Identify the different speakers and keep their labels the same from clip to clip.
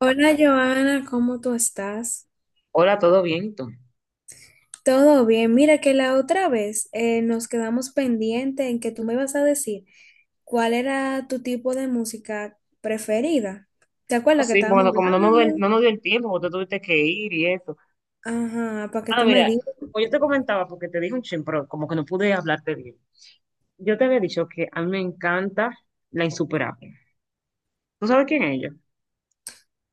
Speaker 1: Hola Joana, ¿cómo tú estás?
Speaker 2: Hola, ¿todo bien? ¿Y tú?
Speaker 1: Todo bien. Mira que la otra vez nos quedamos pendiente en que tú me ibas a decir cuál era tu tipo de música preferida. ¿Te
Speaker 2: Ah,
Speaker 1: acuerdas que
Speaker 2: sí,
Speaker 1: estábamos
Speaker 2: bueno, como
Speaker 1: hablando?
Speaker 2: no nos dio el tiempo, porque tú tuviste que ir y eso.
Speaker 1: Ajá, para que
Speaker 2: Ah,
Speaker 1: tú me
Speaker 2: mira,
Speaker 1: digas.
Speaker 2: como yo te comentaba, porque te dije un chin, pero como que no pude hablarte bien. Yo te había dicho que a mí me encanta La Insuperable. ¿Tú sabes quién es ella?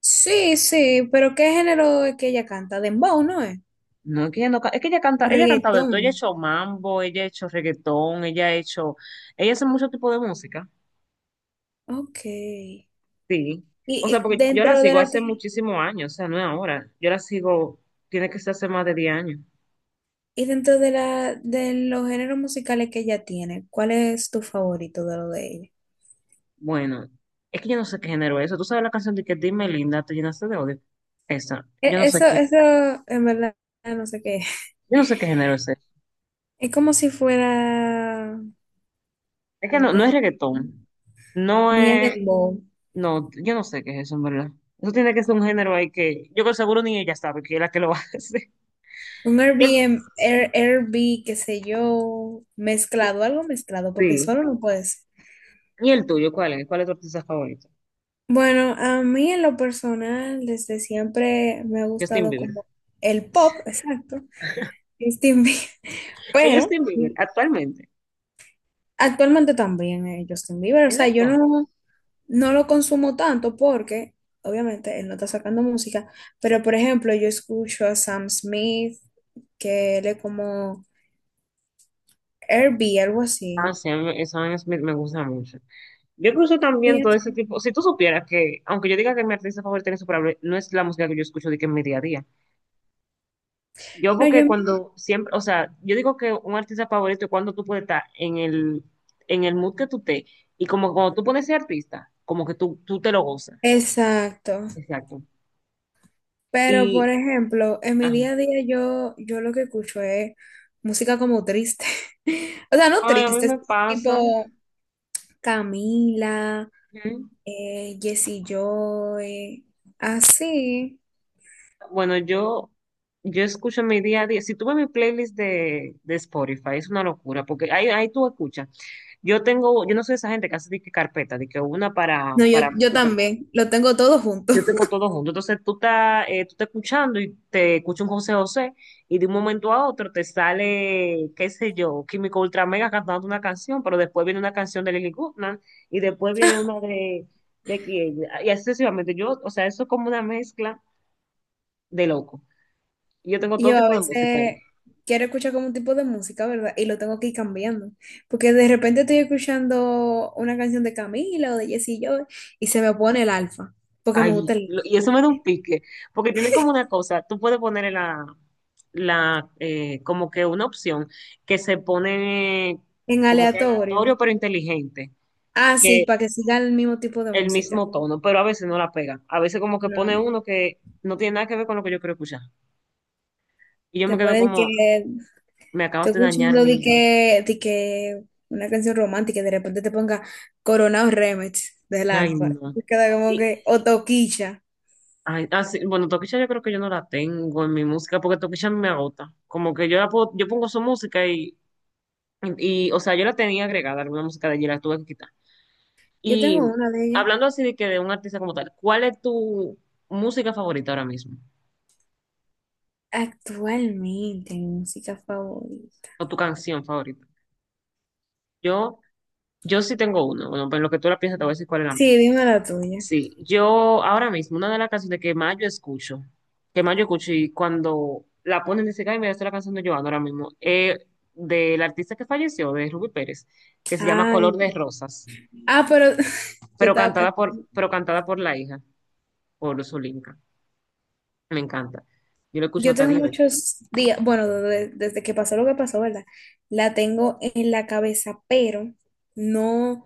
Speaker 1: Sí, sí, pero ¿qué género es que ella canta? Dembow, ¿no es?
Speaker 2: No, es que ella no, ca- es que ella canta,
Speaker 1: O
Speaker 2: ella ha cantado de
Speaker 1: reggaetón.
Speaker 2: todo, ella ha hecho mambo, ella ha hecho reggaetón, ella hace mucho tipo de música,
Speaker 1: Ok.
Speaker 2: sí. O sea,
Speaker 1: Y
Speaker 2: porque yo la
Speaker 1: dentro de
Speaker 2: sigo
Speaker 1: la que,
Speaker 2: hace muchísimos años, o sea, no es ahora. Yo la sigo, tiene que ser hace más de 10 años.
Speaker 1: y dentro de la de los géneros musicales que ella tiene, ¿cuál es tu favorito de lo de ella?
Speaker 2: Bueno, es que yo no sé qué género es eso. ¿Tú sabes la canción de que Dime Linda, te llenaste de odio? Esa,
Speaker 1: Eso, eso en verdad no sé qué es.
Speaker 2: yo no sé qué género es ese.
Speaker 1: Es como si fuera
Speaker 2: Es que
Speaker 1: un
Speaker 2: no, no es reggaetón, no
Speaker 1: ni es
Speaker 2: es,
Speaker 1: dembow,
Speaker 2: no, yo no sé qué es eso, en verdad. Eso tiene que ser un género ahí que yo con seguro ni ella sabe que es la que lo hace.
Speaker 1: un
Speaker 2: Y el,
Speaker 1: Airbnb, Air, Airbnb, qué sé yo, mezclado, algo mezclado, porque
Speaker 2: sí.
Speaker 1: solo no puede ser.
Speaker 2: ¿Y el tuyo cuál es? ¿Cuál es tu artista favorito?
Speaker 1: Bueno, a mí en lo personal, desde siempre me ha
Speaker 2: Justin
Speaker 1: gustado
Speaker 2: Bieber.
Speaker 1: como el pop, exacto, Justin Bieber,
Speaker 2: Es
Speaker 1: pero
Speaker 2: Justin Bieber, actualmente.
Speaker 1: actualmente también Justin Bieber, o
Speaker 2: Es
Speaker 1: sea, yo
Speaker 2: verdad.
Speaker 1: no. No lo consumo tanto porque, obviamente, él no está sacando música, pero por ejemplo, yo escucho a Sam Smith, que él es como Herbie, algo
Speaker 2: Ah,
Speaker 1: así.
Speaker 2: sí, a mí- esa vaina es- me gusta mucho. Yo incluso
Speaker 1: Y
Speaker 2: también todo
Speaker 1: es-
Speaker 2: ese tipo, si tú supieras que, aunque yo diga que mi artista favorita es insuperable, no es la música que yo escucho de que en mi día a día. Yo
Speaker 1: no, yo,
Speaker 2: porque cuando siempre, o sea, yo digo que un artista favorito es cuando tú puedes estar en el mood que tú te, y como cuando tú pones ese artista, como que tú te lo gozas.
Speaker 1: exacto.
Speaker 2: Exacto.
Speaker 1: Pero
Speaker 2: Y,
Speaker 1: por ejemplo, en mi
Speaker 2: ajá.
Speaker 1: día a día yo lo que escucho es música como triste. O sea, no
Speaker 2: Ay, a mí
Speaker 1: triste, es
Speaker 2: me pasa.
Speaker 1: tipo Camila,
Speaker 2: Ujú.
Speaker 1: Jessie Joy, así.
Speaker 2: Bueno, yo escucho en mi día a día. Si tú ves mi playlist de Spotify, es una locura, porque ahí tú escuchas. Yo no soy esa gente que hace de que carpeta, de que una para,
Speaker 1: No,
Speaker 2: para
Speaker 1: yo
Speaker 2: música.
Speaker 1: también, lo tengo todo junto.
Speaker 2: Yo tengo todo junto. Entonces tú estás escuchando y te escucha un José José y de un momento a otro te sale, qué sé yo, Químico Ultra Mega cantando una canción, pero después viene una canción de Lily Goodman y después viene una de quién. Y así sucesivamente. Yo, o sea, eso es como una mezcla de loco. Yo tengo todo
Speaker 1: Yo a
Speaker 2: tipo de música ahí.
Speaker 1: veces quiero escuchar como un tipo de música, ¿verdad? Y lo tengo que ir cambiando. Porque de repente estoy escuchando una canción de Camila o de Jessie Joy y se me pone el alfa. Porque me
Speaker 2: Ay,
Speaker 1: gusta el
Speaker 2: y eso me da un pique, porque tiene como una cosa, tú puedes poner la, como que una opción que se pone
Speaker 1: en
Speaker 2: como que
Speaker 1: aleatorio.
Speaker 2: aleatorio pero inteligente,
Speaker 1: Ah, sí,
Speaker 2: que
Speaker 1: para que siga el mismo tipo de
Speaker 2: el
Speaker 1: música.
Speaker 2: mismo tono, pero a veces no la pega. A veces como que pone
Speaker 1: No.
Speaker 2: uno que no tiene nada que ver con lo que yo quiero escuchar. Y yo
Speaker 1: Te
Speaker 2: me quedo
Speaker 1: pone de
Speaker 2: como,
Speaker 1: que
Speaker 2: me
Speaker 1: estoy
Speaker 2: acabas de dañar
Speaker 1: escuchando de
Speaker 2: mi.
Speaker 1: que, de que una canción romántica y de repente te ponga Coronado Remix del
Speaker 2: Ay,
Speaker 1: alfa. Y
Speaker 2: no.
Speaker 1: te queda como
Speaker 2: Y,
Speaker 1: que, o Toquicha.
Speaker 2: ay, sí, bueno, Toquilla yo creo que yo no la tengo en mi música, porque Toquilla me agota. Como que yo pongo su música y. Y, o sea, yo la tenía agregada, alguna música de allí la tuve que quitar.
Speaker 1: Yo
Speaker 2: Y
Speaker 1: tengo una de ellas.
Speaker 2: hablando así de que de un artista como tal, ¿cuál es tu música favorita ahora mismo?
Speaker 1: Actualmente, mi música favorita.
Speaker 2: ¿O tu canción favorita? Yo, yo sí tengo uno. Bueno, pues en lo que tú la piensas, te voy a decir cuál es la mía.
Speaker 1: Sí, dime la tuya.
Speaker 2: Sí, yo ahora mismo, una de las canciones que más yo escucho, y cuando la ponen, dice, ay, mira, esta es la canción de Joan ahora mismo, del artista que falleció, de Ruby Pérez, que se llama
Speaker 1: Ay.
Speaker 2: Color de Rosas,
Speaker 1: Ah, pero yo estaba pensando.
Speaker 2: pero cantada por la hija, por Solinka. Me encanta. Yo lo escucho
Speaker 1: Yo
Speaker 2: hasta
Speaker 1: tengo
Speaker 2: 10 veces.
Speaker 1: muchos días, bueno, desde que pasó lo que pasó, ¿verdad? La tengo en la cabeza, pero no,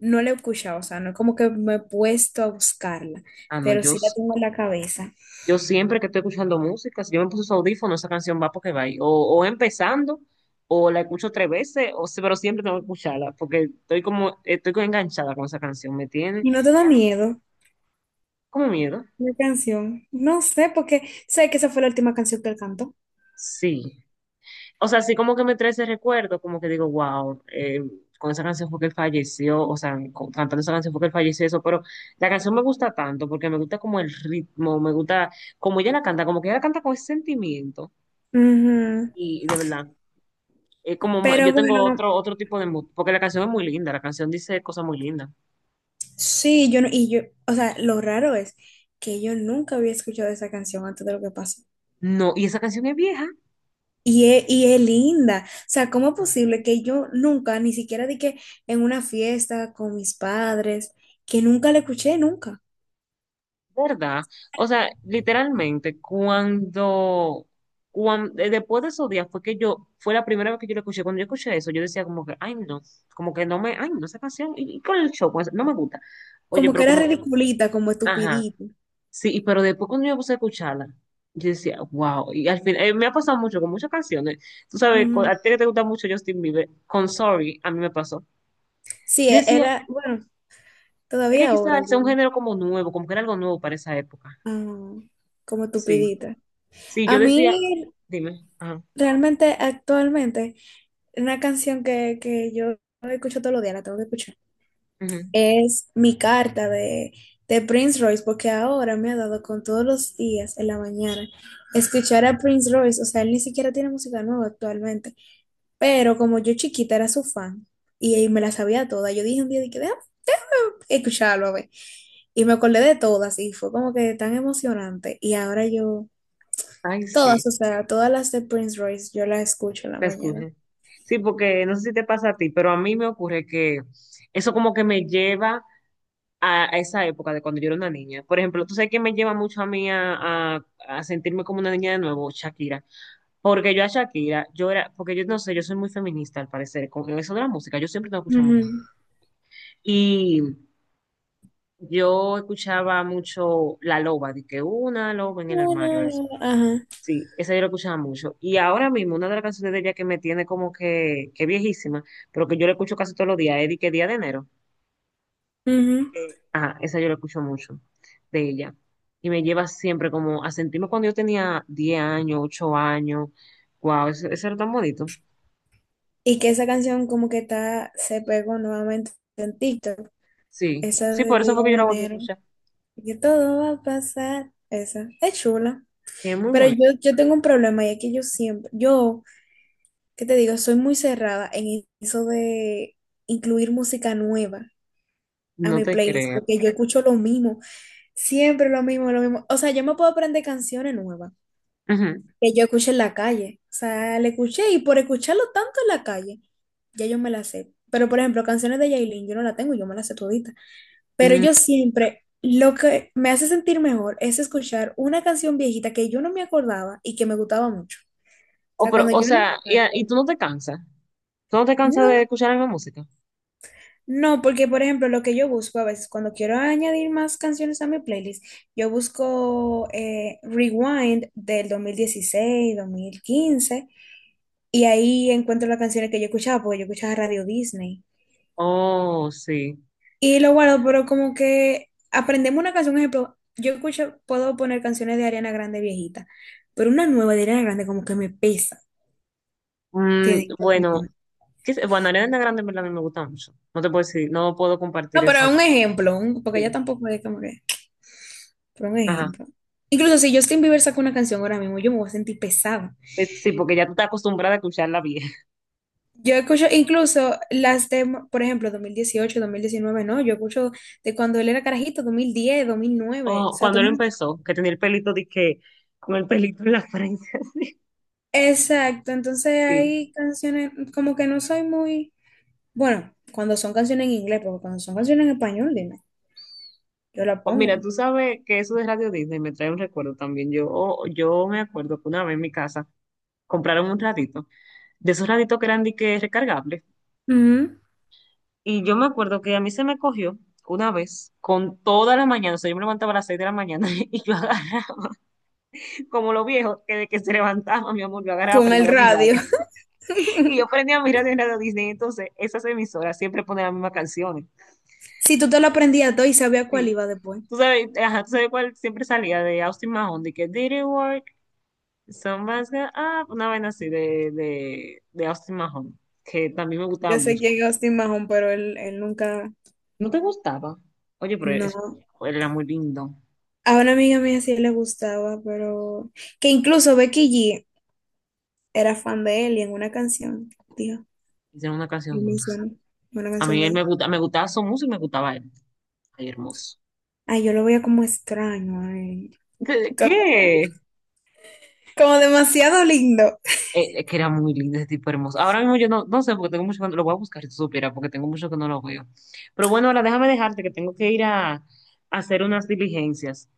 Speaker 1: no la he escuchado, o sea, no es como que me he puesto a buscarla,
Speaker 2: Ah, no,
Speaker 1: pero
Speaker 2: yo,
Speaker 1: sí la
Speaker 2: s-
Speaker 1: tengo en la cabeza.
Speaker 2: yo siempre que estoy escuchando música, si yo me puse su audífono, esa canción va porque va ahí. O empezando, o la escucho tres veces, o, si- pero siempre tengo que escucharla, porque estoy como enganchada con esa canción, me tiene
Speaker 1: ¿Y no te da miedo
Speaker 2: como miedo.
Speaker 1: la canción? No sé, porque sé que esa fue la última canción que él cantó.
Speaker 2: Sí. O sea, sí como que me trae ese recuerdo, como que digo, wow, con esa canción fue que él falleció, o sea, cantando esa canción fue que él falleció, eso, pero la canción me gusta tanto, porque me gusta como el ritmo, me gusta como ella la canta, como que ella la canta con ese sentimiento.
Speaker 1: Ujú.
Speaker 2: Y de verdad, es como,
Speaker 1: Pero
Speaker 2: yo tengo
Speaker 1: bueno,
Speaker 2: otro tipo de mood, porque la canción es muy linda, la canción dice cosas muy lindas.
Speaker 1: sí, yo no, y yo, o sea, lo raro es que yo nunca había escuchado esa canción antes de lo que pasó.
Speaker 2: No, y esa canción es vieja,
Speaker 1: Y es linda. O sea, ¿cómo es posible que yo nunca, ni siquiera de que en una fiesta con mis padres, que nunca la escuché, nunca?
Speaker 2: ¿verdad? O sea, literalmente, cuando después de esos días fue que yo, fue la primera vez que yo la escuché, cuando yo escuché eso, yo decía como que, ay no, como que no me, ay no, esa canción, y con el show, no me gusta. Oye,
Speaker 1: Como que
Speaker 2: pero
Speaker 1: era
Speaker 2: como cuando,
Speaker 1: ridiculita, como
Speaker 2: ajá.
Speaker 1: estupidita.
Speaker 2: Sí, pero después cuando yo puse a escucharla, yo decía, wow, y al final, me ha pasado mucho con muchas canciones. Tú sabes,
Speaker 1: Ujú.
Speaker 2: a ti que te gusta mucho Justin Bieber, con Sorry, a mí me pasó.
Speaker 1: Sí,
Speaker 2: Yo decía,
Speaker 1: era, bueno,
Speaker 2: es que
Speaker 1: todavía ahora
Speaker 2: quizás sea
Speaker 1: yo,
Speaker 2: un género como nuevo, como que era algo nuevo para esa época.
Speaker 1: ah, como
Speaker 2: Sí,
Speaker 1: estupidita.
Speaker 2: sí,
Speaker 1: A
Speaker 2: yo
Speaker 1: mí
Speaker 2: decía, dime, ajá,
Speaker 1: realmente, actualmente, una canción que yo escucho todos los días, la tengo que escuchar,
Speaker 2: ujú.
Speaker 1: es Mi Carta de Prince Royce, porque ahora me ha dado con todos los días en la mañana escuchar a Prince Royce, o sea, él ni siquiera tiene música nueva actualmente, pero como yo chiquita era su fan y me la sabía toda, yo dije un día, dije, déjame escucharlo, a ver, y me acordé de todas y fue como que tan emocionante y ahora yo,
Speaker 2: Ay, sí,
Speaker 1: todas, o sea, todas las de Prince Royce, yo las escucho en la
Speaker 2: te
Speaker 1: mañana.
Speaker 2: escucho. Sí, porque no sé si te pasa a ti, pero a mí me ocurre que eso como que me lleva a esa época de cuando yo era una niña. Por ejemplo, tú sabes que me lleva mucho a mí a sentirme como una niña de nuevo, Shakira. Porque yo a Shakira, yo era, porque yo no sé, yo soy muy feminista al parecer, con eso de la música, yo siempre tengo que escuchar mujer.
Speaker 1: Ujú.
Speaker 2: Y yo escuchaba mucho La Loba, de que una loba en el
Speaker 1: Una,
Speaker 2: armario,
Speaker 1: no,
Speaker 2: eso.
Speaker 1: no, no. Ajá.
Speaker 2: Sí, esa yo la escuchaba mucho. Y ahora mismo, una de las canciones de ella que me tiene como que viejísima, pero que yo la escucho casi todos los días, es de que Día de Enero.
Speaker 1: Ujú.
Speaker 2: Ajá, esa yo la escucho mucho de ella. Y me lleva siempre como a sentirme cuando yo tenía 10 años, 8 años. Wow, eso era tan bonito.
Speaker 1: Y que esa canción como que está, se pegó nuevamente en TikTok.
Speaker 2: Sí,
Speaker 1: Esa
Speaker 2: sí,
Speaker 1: de
Speaker 2: por eso
Speaker 1: Día
Speaker 2: fue que yo
Speaker 1: de
Speaker 2: la volví a
Speaker 1: Enero.
Speaker 2: escuchar.
Speaker 1: Y que todo va a pasar. Esa. Es chula.
Speaker 2: Sí, es muy
Speaker 1: Pero yo,
Speaker 2: bonito.
Speaker 1: yo tengo un problema y es que yo siempre, yo, ¿qué te digo? Soy muy cerrada en eso de incluir música nueva a
Speaker 2: No
Speaker 1: mi
Speaker 2: te
Speaker 1: playlist
Speaker 2: creo.
Speaker 1: porque yo escucho lo mismo. Siempre lo mismo, lo mismo. O sea, yo me puedo aprender canciones nuevas
Speaker 2: Ujú.
Speaker 1: que yo escuché en la calle. O sea, le escuché y por escucharlo tanto en la calle, ya yo me las sé. Pero, por ejemplo, canciones de Yailin, yo no la tengo, yo me las sé todita. Pero
Speaker 2: Mm,
Speaker 1: yo siempre, lo que me hace sentir mejor es escuchar una canción viejita que yo no me acordaba y que me gustaba mucho. O
Speaker 2: O,
Speaker 1: sea,
Speaker 2: pero,
Speaker 1: cuando
Speaker 2: o
Speaker 1: yo
Speaker 2: sea,
Speaker 1: la
Speaker 2: y
Speaker 1: escucho,
Speaker 2: tú no te cansas. ¿Tú no te cansas de
Speaker 1: no.
Speaker 2: escuchar la misma música?
Speaker 1: No, porque por ejemplo, lo que yo busco a veces cuando quiero añadir más canciones a mi playlist, yo busco Rewind del 2016, 2015, y ahí encuentro las canciones que yo escuchaba, porque yo escuchaba Radio Disney.
Speaker 2: Oh, sí.
Speaker 1: Y lo guardo, pero como que aprendemos una canción, ejemplo, yo escucho, puedo poner canciones de Ariana Grande viejita, pero una nueva de Ariana Grande como que me pesa.
Speaker 2: Mm,
Speaker 1: Tiene
Speaker 2: bueno,
Speaker 1: que-
Speaker 2: ¿qué sé? Bueno, Ariana Grande en verdad a mí me gusta mucho. No te puedo decir, no puedo compartir
Speaker 1: No, pero
Speaker 2: ese.
Speaker 1: un ejemplo, porque ella
Speaker 2: Sí,
Speaker 1: tampoco es como que... por un
Speaker 2: ajá.
Speaker 1: ejemplo. Incluso si Justin Bieber saca una canción ahora mismo, yo me voy a sentir pesada.
Speaker 2: Sí, porque ya tú estás acostumbrada a escucharla.
Speaker 1: Yo escucho incluso las de, por ejemplo, 2018 2019 no, yo escucho de cuando él era carajito, 2010 2009 o
Speaker 2: Oh,
Speaker 1: sea,
Speaker 2: cuando
Speaker 1: dos
Speaker 2: él
Speaker 1: mil
Speaker 2: empezó, que tenía el pelito de que, con el pelito en la frente, así.
Speaker 1: exacto, entonces
Speaker 2: Sí.
Speaker 1: hay canciones como que no soy muy, bueno, cuando son canciones en inglés, porque cuando son canciones en español, dime, yo la
Speaker 2: Oh, mira,
Speaker 1: pongo.
Speaker 2: tú sabes que eso de Radio Disney me trae un recuerdo también. Yo me acuerdo que una vez en mi casa compraron un ratito, de esos raditos que eran de que recargables.
Speaker 1: Ujú.
Speaker 2: Y yo me acuerdo que a mí se me cogió una vez con toda la mañana. O sea, yo me levantaba a las seis de la mañana y yo agarraba, como los viejos, que de que se levantaba, mi amor, yo agarraba,
Speaker 1: Con el
Speaker 2: prendía mi radio.
Speaker 1: radio.
Speaker 2: Y yo prendía mi radio en Radio Disney. Entonces, esas emisoras siempre ponen las mismas canciones.
Speaker 1: Si tú te lo aprendías todo y sabías cuál
Speaker 2: Sí.
Speaker 1: iba después.
Speaker 2: Tú sabes, ajá, tú sabes cuál siempre salía de Austin Mahone, de que Did it work? Somebody's got up", una vaina así de Austin Mahone, que también me gustaba
Speaker 1: Ya sé
Speaker 2: mucho.
Speaker 1: quién es Austin Mahon, pero él nunca,
Speaker 2: ¿No te gustaba? Oye, pero eso,
Speaker 1: no.
Speaker 2: él era muy lindo.
Speaker 1: A una amiga mía sí le gustaba, pero que incluso Becky G era fan de él y en una canción, dijo,
Speaker 2: Hicieron una
Speaker 1: él
Speaker 2: canción juntos.
Speaker 1: mencionó una
Speaker 2: A
Speaker 1: canción
Speaker 2: mí
Speaker 1: de
Speaker 2: él
Speaker 1: ella.
Speaker 2: me gustaba su música y me gustaba él. Ay, hermoso.
Speaker 1: Ay, yo lo veía como extraño, a él,
Speaker 2: ¿Qué?
Speaker 1: como,
Speaker 2: ¿Qué?
Speaker 1: como demasiado lindo.
Speaker 2: Es que era muy lindo ese tipo hermoso. Ahora mismo yo no, no sé porque tengo mucho que lo voy a buscar si tú supieras, porque tengo mucho que no lo veo. Pero bueno, ahora déjame dejarte que tengo que ir a hacer unas diligencias.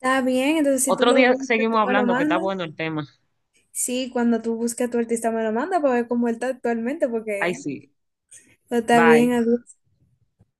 Speaker 1: Está bien, entonces si tú
Speaker 2: Otro
Speaker 1: lo
Speaker 2: día
Speaker 1: buscas, tú
Speaker 2: seguimos
Speaker 1: me lo
Speaker 2: hablando, que está
Speaker 1: mandas.
Speaker 2: bueno el tema.
Speaker 1: Sí, cuando tú busques a tu artista, me lo mandas para ver cómo él está actualmente,
Speaker 2: Ay,
Speaker 1: porque
Speaker 2: sí.
Speaker 1: está
Speaker 2: Bye.
Speaker 1: bien, adiós.